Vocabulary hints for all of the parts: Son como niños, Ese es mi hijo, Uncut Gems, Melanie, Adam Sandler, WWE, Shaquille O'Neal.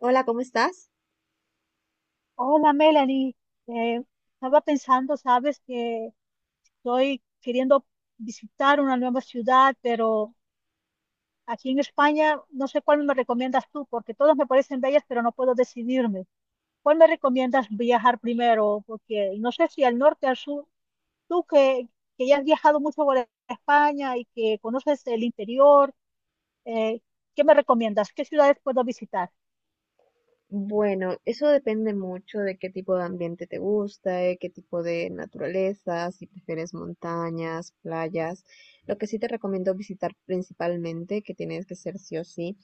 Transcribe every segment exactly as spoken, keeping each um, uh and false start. Hola, ¿cómo estás? Hola Melanie, Eh, estaba pensando, sabes, que estoy queriendo visitar una nueva ciudad, pero aquí en España no sé cuál me recomiendas tú, porque todas me parecen bellas, pero no puedo decidirme. ¿Cuál me recomiendas viajar primero? Porque no sé si al norte, al sur, tú que, que ya has viajado mucho por España y que conoces el interior, eh, ¿qué me recomiendas? ¿Qué ciudades puedo visitar? Bueno, eso depende mucho de qué tipo de ambiente te gusta, de qué tipo de naturaleza, si prefieres montañas, playas. Lo que sí te recomiendo visitar principalmente, que tienes que ser sí o sí,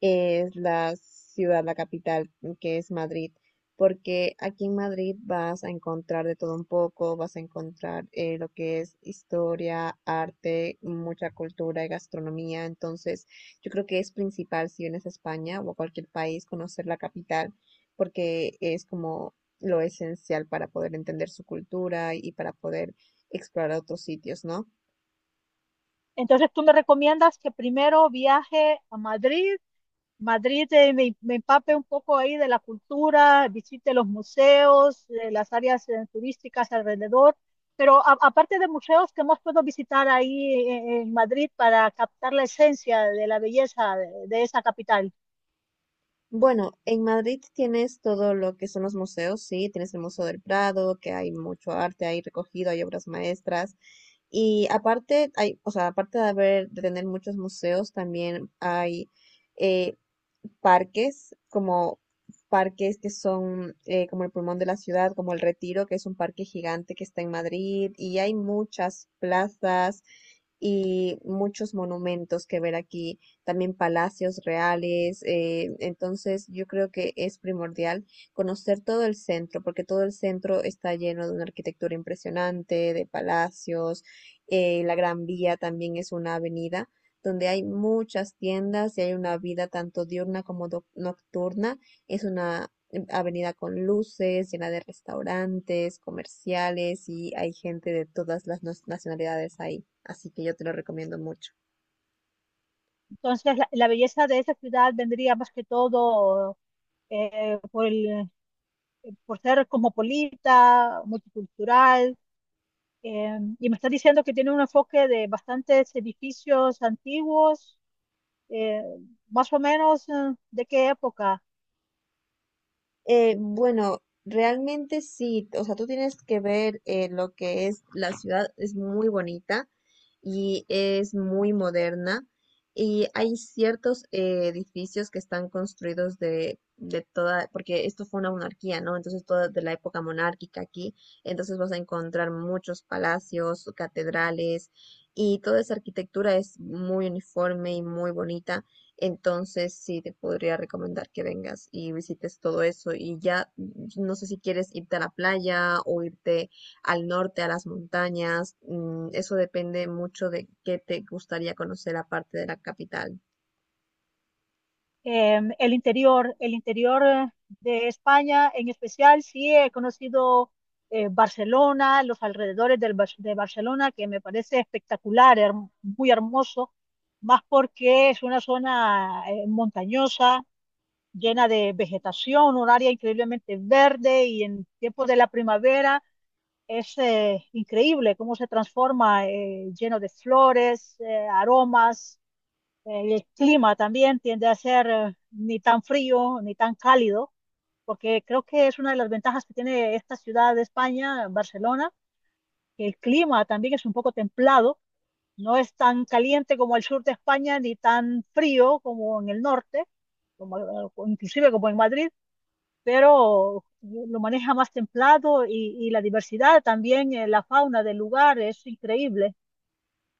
es la ciudad, la capital, mm, que es Madrid, porque aquí en Madrid vas a encontrar de todo un poco, vas a encontrar eh, lo que es historia, arte, mucha cultura y gastronomía, entonces yo creo que es principal si vienes a España o a cualquier país conocer la capital, porque es como lo esencial para poder entender su cultura y para poder explorar otros sitios, ¿no? Entonces, tú me recomiendas que primero viaje a Madrid, Madrid eh, me, me empape un poco ahí de la cultura, visite los museos, eh, las áreas eh, turísticas alrededor, pero a- aparte de museos, ¿qué más puedo visitar ahí eh, en Madrid para captar la esencia de la belleza de de esa capital? Bueno, en Madrid tienes todo lo que son los museos, sí, tienes el Museo del Prado, que hay mucho arte ahí recogido, hay obras maestras. Y aparte, hay, o sea, aparte de haber, de tener muchos museos, también hay, eh, parques, como parques que son eh, como el pulmón de la ciudad, como el Retiro, que es un parque gigante que está en Madrid, y hay muchas plazas y muchos monumentos que ver aquí, también palacios reales. eh, entonces yo creo que es primordial conocer todo el centro, porque todo el centro está lleno de una arquitectura impresionante, de palacios, eh, la Gran Vía también es una avenida donde hay muchas tiendas y hay una vida tanto diurna como doc- nocturna. Es una em, avenida con luces, llena de restaurantes, comerciales y hay gente de todas las nas- nacionalidades ahí. Así que yo te lo recomiendo mucho. Entonces, la, la belleza de esa ciudad vendría más que todo eh, por el- por ser cosmopolita, multicultural. Eh, y me está diciendo que tiene un enfoque de bastantes edificios antiguos, eh, más o menos, eh, ¿de qué época? Eh, bueno, realmente sí, o sea, tú tienes que ver eh, lo que es la ciudad, es muy bonita y es muy moderna y hay ciertos eh, edificios que están construidos de, de toda, porque esto fue una monarquía, ¿no? Entonces toda de la época monárquica aquí, entonces vas a encontrar muchos palacios, catedrales y toda esa arquitectura es muy uniforme y muy bonita. Entonces, sí, te podría recomendar que vengas y visites todo eso. Y ya, mm, no sé si quieres irte a la playa o irte al norte, a las montañas. mm, Eso depende mucho de qué te gustaría conocer aparte de la capital. eh, el interior, el interior eh, de España en especial, sí he conocido eh, Barcelona, los alrededores del Bar- de Barcelona, que me parece espectacular, her- muy hermoso, más porque es una zona eh, montañosa, llena de vegetación, un área increíblemente verde y en tiempos de la primavera. Es eh, increíble cómo se transforma, eh, lleno de flores, eh, aromas, eh, el clima también tiende a ser eh, ni tan frío ni tan cálido, porque creo que es una de las ventajas que tiene esta ciudad de España, Barcelona, que el clima también es un poco templado, no es tan caliente como el sur de España ni tan frío como en el norte, como, eh, o inclusive como en Madrid, pero lo maneja más templado y, y la diversidad también, eh, la fauna del lugar es increíble.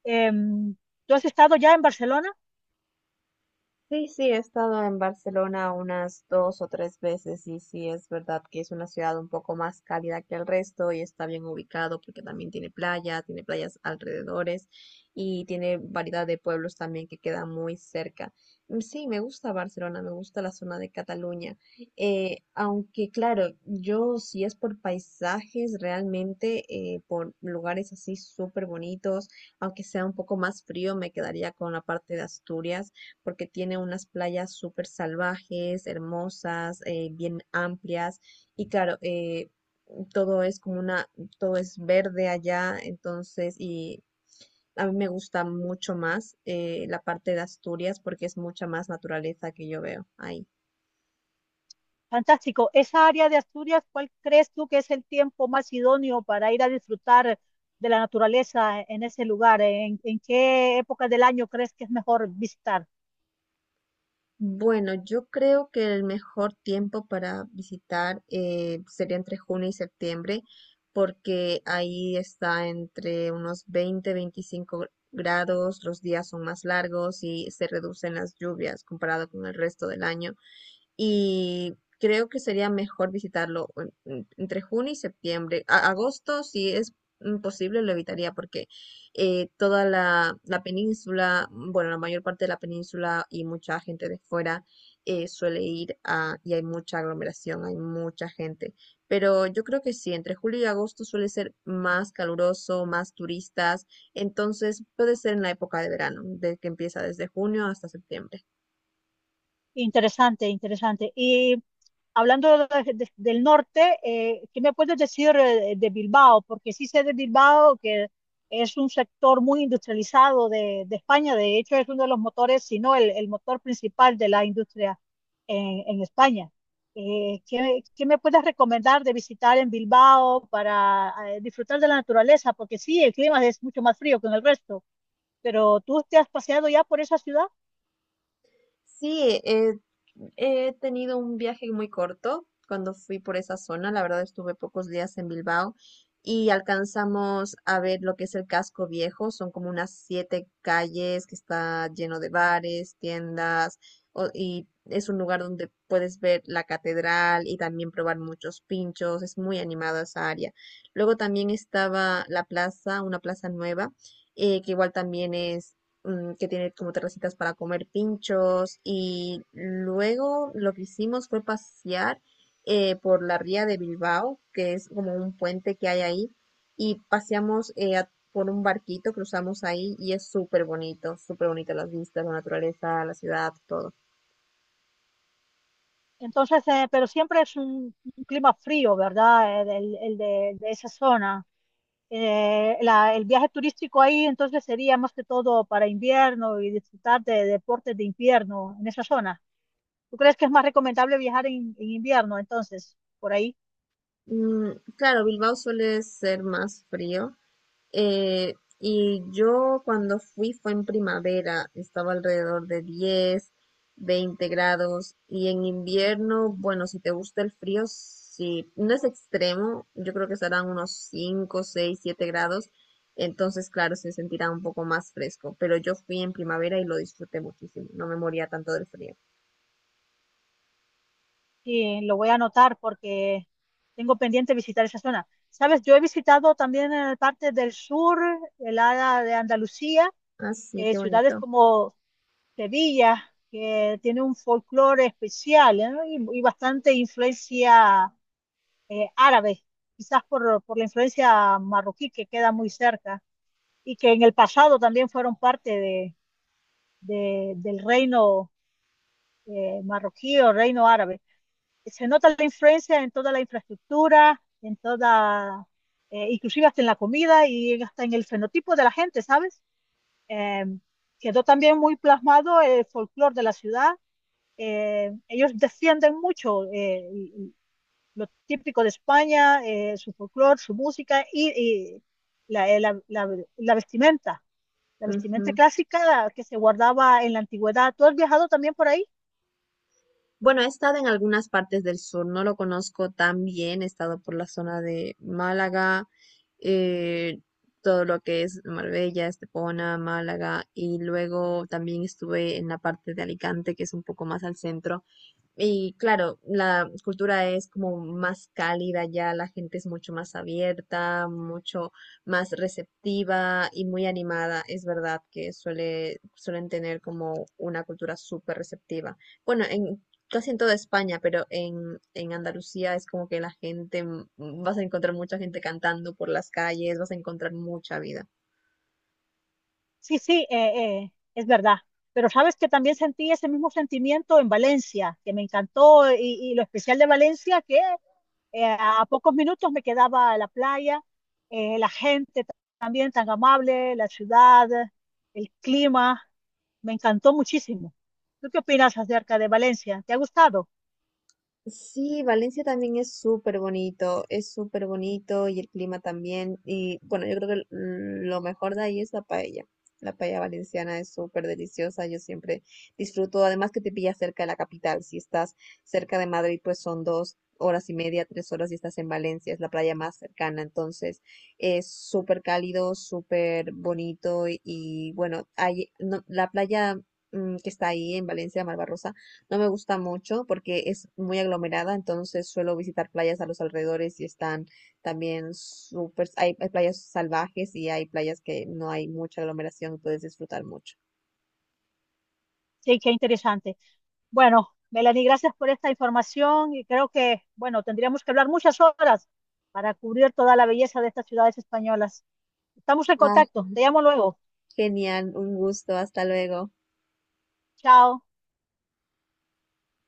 Em, ¿Tú has estado ya en Barcelona? Sí, sí, he estado en Barcelona unas dos o tres veces y sí es verdad que es una ciudad un poco más cálida que el resto y está bien ubicado porque también tiene playa, tiene playas alrededores y tiene variedad de pueblos también que quedan muy cerca. Mm, sí, me gusta Barcelona, me gusta la zona de Cataluña. Eh, aunque claro, yo si es por paisajes realmente, eh, por lugares así súper bonitos, aunque sea un poco más frío, me quedaría con la parte de Asturias porque tiene unas playas súper salvajes, hermosas, eh, bien amplias y claro, eh, todo es como una, todo es verde allá, entonces y a mí me gusta mucho más eh, la parte de Asturias porque es mucha más naturaleza que yo veo ahí. Fantástico. Esa área de Asturias, ¿cuál crees tú que es el tiempo más idóneo para ir a disfrutar de la naturaleza en ese lugar? ¿En, en qué época del año crees que es mejor visitar? Bueno, yo creo que el mejor tiempo para visitar eh, sería entre junio y septiembre, porque ahí está entre unos veinte, veinticinco gr- grados, los días son más largos y se reducen las lluvias comparado con el resto del año y creo que sería mejor visitarlo en- en- entre junio y septiembre. A- agosto, si es posible, lo evitaría porque eh, toda la, la península, bueno, la mayor parte de la península y mucha gente de fuera eh, suele ir a, y hay mucha aglomeración, hay mucha gente. Pero yo creo que sí, entre julio y agosto suele ser más caluroso, más turistas, entonces puede ser en la época de verano, de que empieza desde junio hasta septiembre. Interesante, interesante. Y hablando de- de- del norte, eh, ¿qué me puedes decir eh, de Bilbao? Porque sí sé de Bilbao que es un sector muy industrializado de, de España. De hecho, es uno de los motores, si no el, el motor principal de la industria en, en España. Eh, ¿qué, ¿qué me puedes recomendar de visitar en Bilbao para eh, disfrutar de la naturaleza? Porque sí, el clima es mucho más frío que en el resto, pero ¿tú te has paseado ya por esa ciudad? Sí, eh, he tenido un viaje muy corto cuando fui por esa zona. La verdad estuve pocos días en Bilbao y alcanzamos a ver lo que es el casco viejo. Son como unas siete calles que está lleno de bares, tiendas o- y es un lugar donde puedes ver la catedral y también probar muchos pinchos. Es muy animado esa área. Luego también estaba la plaza, una plaza nueva. eh, que igual también es mm, que tiene como terracitas para comer pinchos y luego lo que hicimos fue pasear eh, por la ría de Bilbao, que es como un puente que hay ahí, y paseamos eh, a- por un barquito, cruzamos ahí y es súper bonito, súper bonito las vistas, la naturaleza, la ciudad, todo. Entonces, eh, pero siempre es un, un clima frío, ¿verdad? El, el- el de, de esa zona. Eh, la- el viaje turístico ahí entonces sería más que todo para invierno y disfrutar de deportes de invierno en esa zona. ¿Tú crees que es más recomendable viajar en, en invierno entonces? Por ahí Mm, claro, Bilbao suele ser más frío. Eh, y yo cuando fui fue en primavera, estaba alrededor de diez veinte grados y en invierno, bueno, si te gusta el frío, sí, no es extremo, yo creo que estarán unos cinco seis siete grados, entonces claro, se sentirá un poco más fresco, pero yo fui en primavera y lo disfruté muchísimo, no me moría tanto del frío. sí, lo voy a anotar porque tengo pendiente visitar esa zona. Sabes, yo he visitado también en parte del sur, el área de Andalucía, Así, eh, qué ciudades bonito. como Sevilla, que tiene un folclore especial, ¿no? Y, y bastante influencia eh, árabe, quizás por, por la influencia marroquí que queda muy cerca, y que en el pasado también fueron parte de, de- del reino eh, marroquí o reino árabe. Se nota la influencia en toda la infraestructura, en toda, eh, inclusive hasta en la comida y en- hasta en el fenotipo de la gente, ¿sabes? Em, Quedó también muy plasmado el folclore de la ciudad. Eh, ellos defienden mucho eh, lo típico de España, eh, su folclore, su música y, y la, eh, la- la- la vestimenta, la vestimenta Ujú. clásica la que se guardaba en la antigüedad. ¿Tú has viajado también por ahí? Bueno, he estado en algunas partes del sur, no lo conozco tan bien, he estado por la zona de Málaga, eh, todo lo que es Marbella, Estepona, Málaga, y luego también estuve en la parte de Alicante, que es un poco más al centro. Y claro, la cultura es como más cálida ya, la gente es mucho más abierta, mucho más receptiva y muy animada. Es verdad que suele, suelen tener como una cultura súper receptiva. Bueno, en casi en toda España, pero en, en Andalucía es como que la gente, mm, vas a encontrar mucha gente cantando por las calles, vas a encontrar mucha vida. Sí, sí, eh, eh, es verdad. Pero sabes que también sentí ese mismo sentimiento en Valencia, que me encantó y, y lo especial de Valencia, que Eh, a pocos minutos me quedaba la playa, eh, la gente ta- también tan amable, la ciudad, el clima, me encantó muchísimo. ¿Tú qué opinas acerca de Valencia? ¿Te ha gustado? Sí, Valencia también es súper bonito, es súper bonito y el clima también. Y bueno, yo creo que l- lo mejor de ahí es la paella. La paella valenciana es súper deliciosa, yo siempre disfruto. Además que te pilla cerca de la capital. Si estás cerca de Madrid, pues son dos horas y media, tres horas y estás en Valencia, es la playa más cercana. Entonces es súper cálido, súper bonito y, y bueno, hay, no- la playa mm, que está ahí en Valencia, Malvarrosa no me gusta mucho porque es muy aglomerada, entonces suelo visitar playas a los alrededores y están también súper, hay, hay playas salvajes y hay playas que no hay mucha aglomeración, puedes disfrutar mucho. Sí, qué interesante. Bueno, Melanie, gracias por esta información y creo que, bueno, tendríamos que hablar muchas horas para cubrir toda la belleza de estas ciudades españolas. Estamos en Ah, contacto, te llamo luego. genial, un gusto, hasta luego. Chao.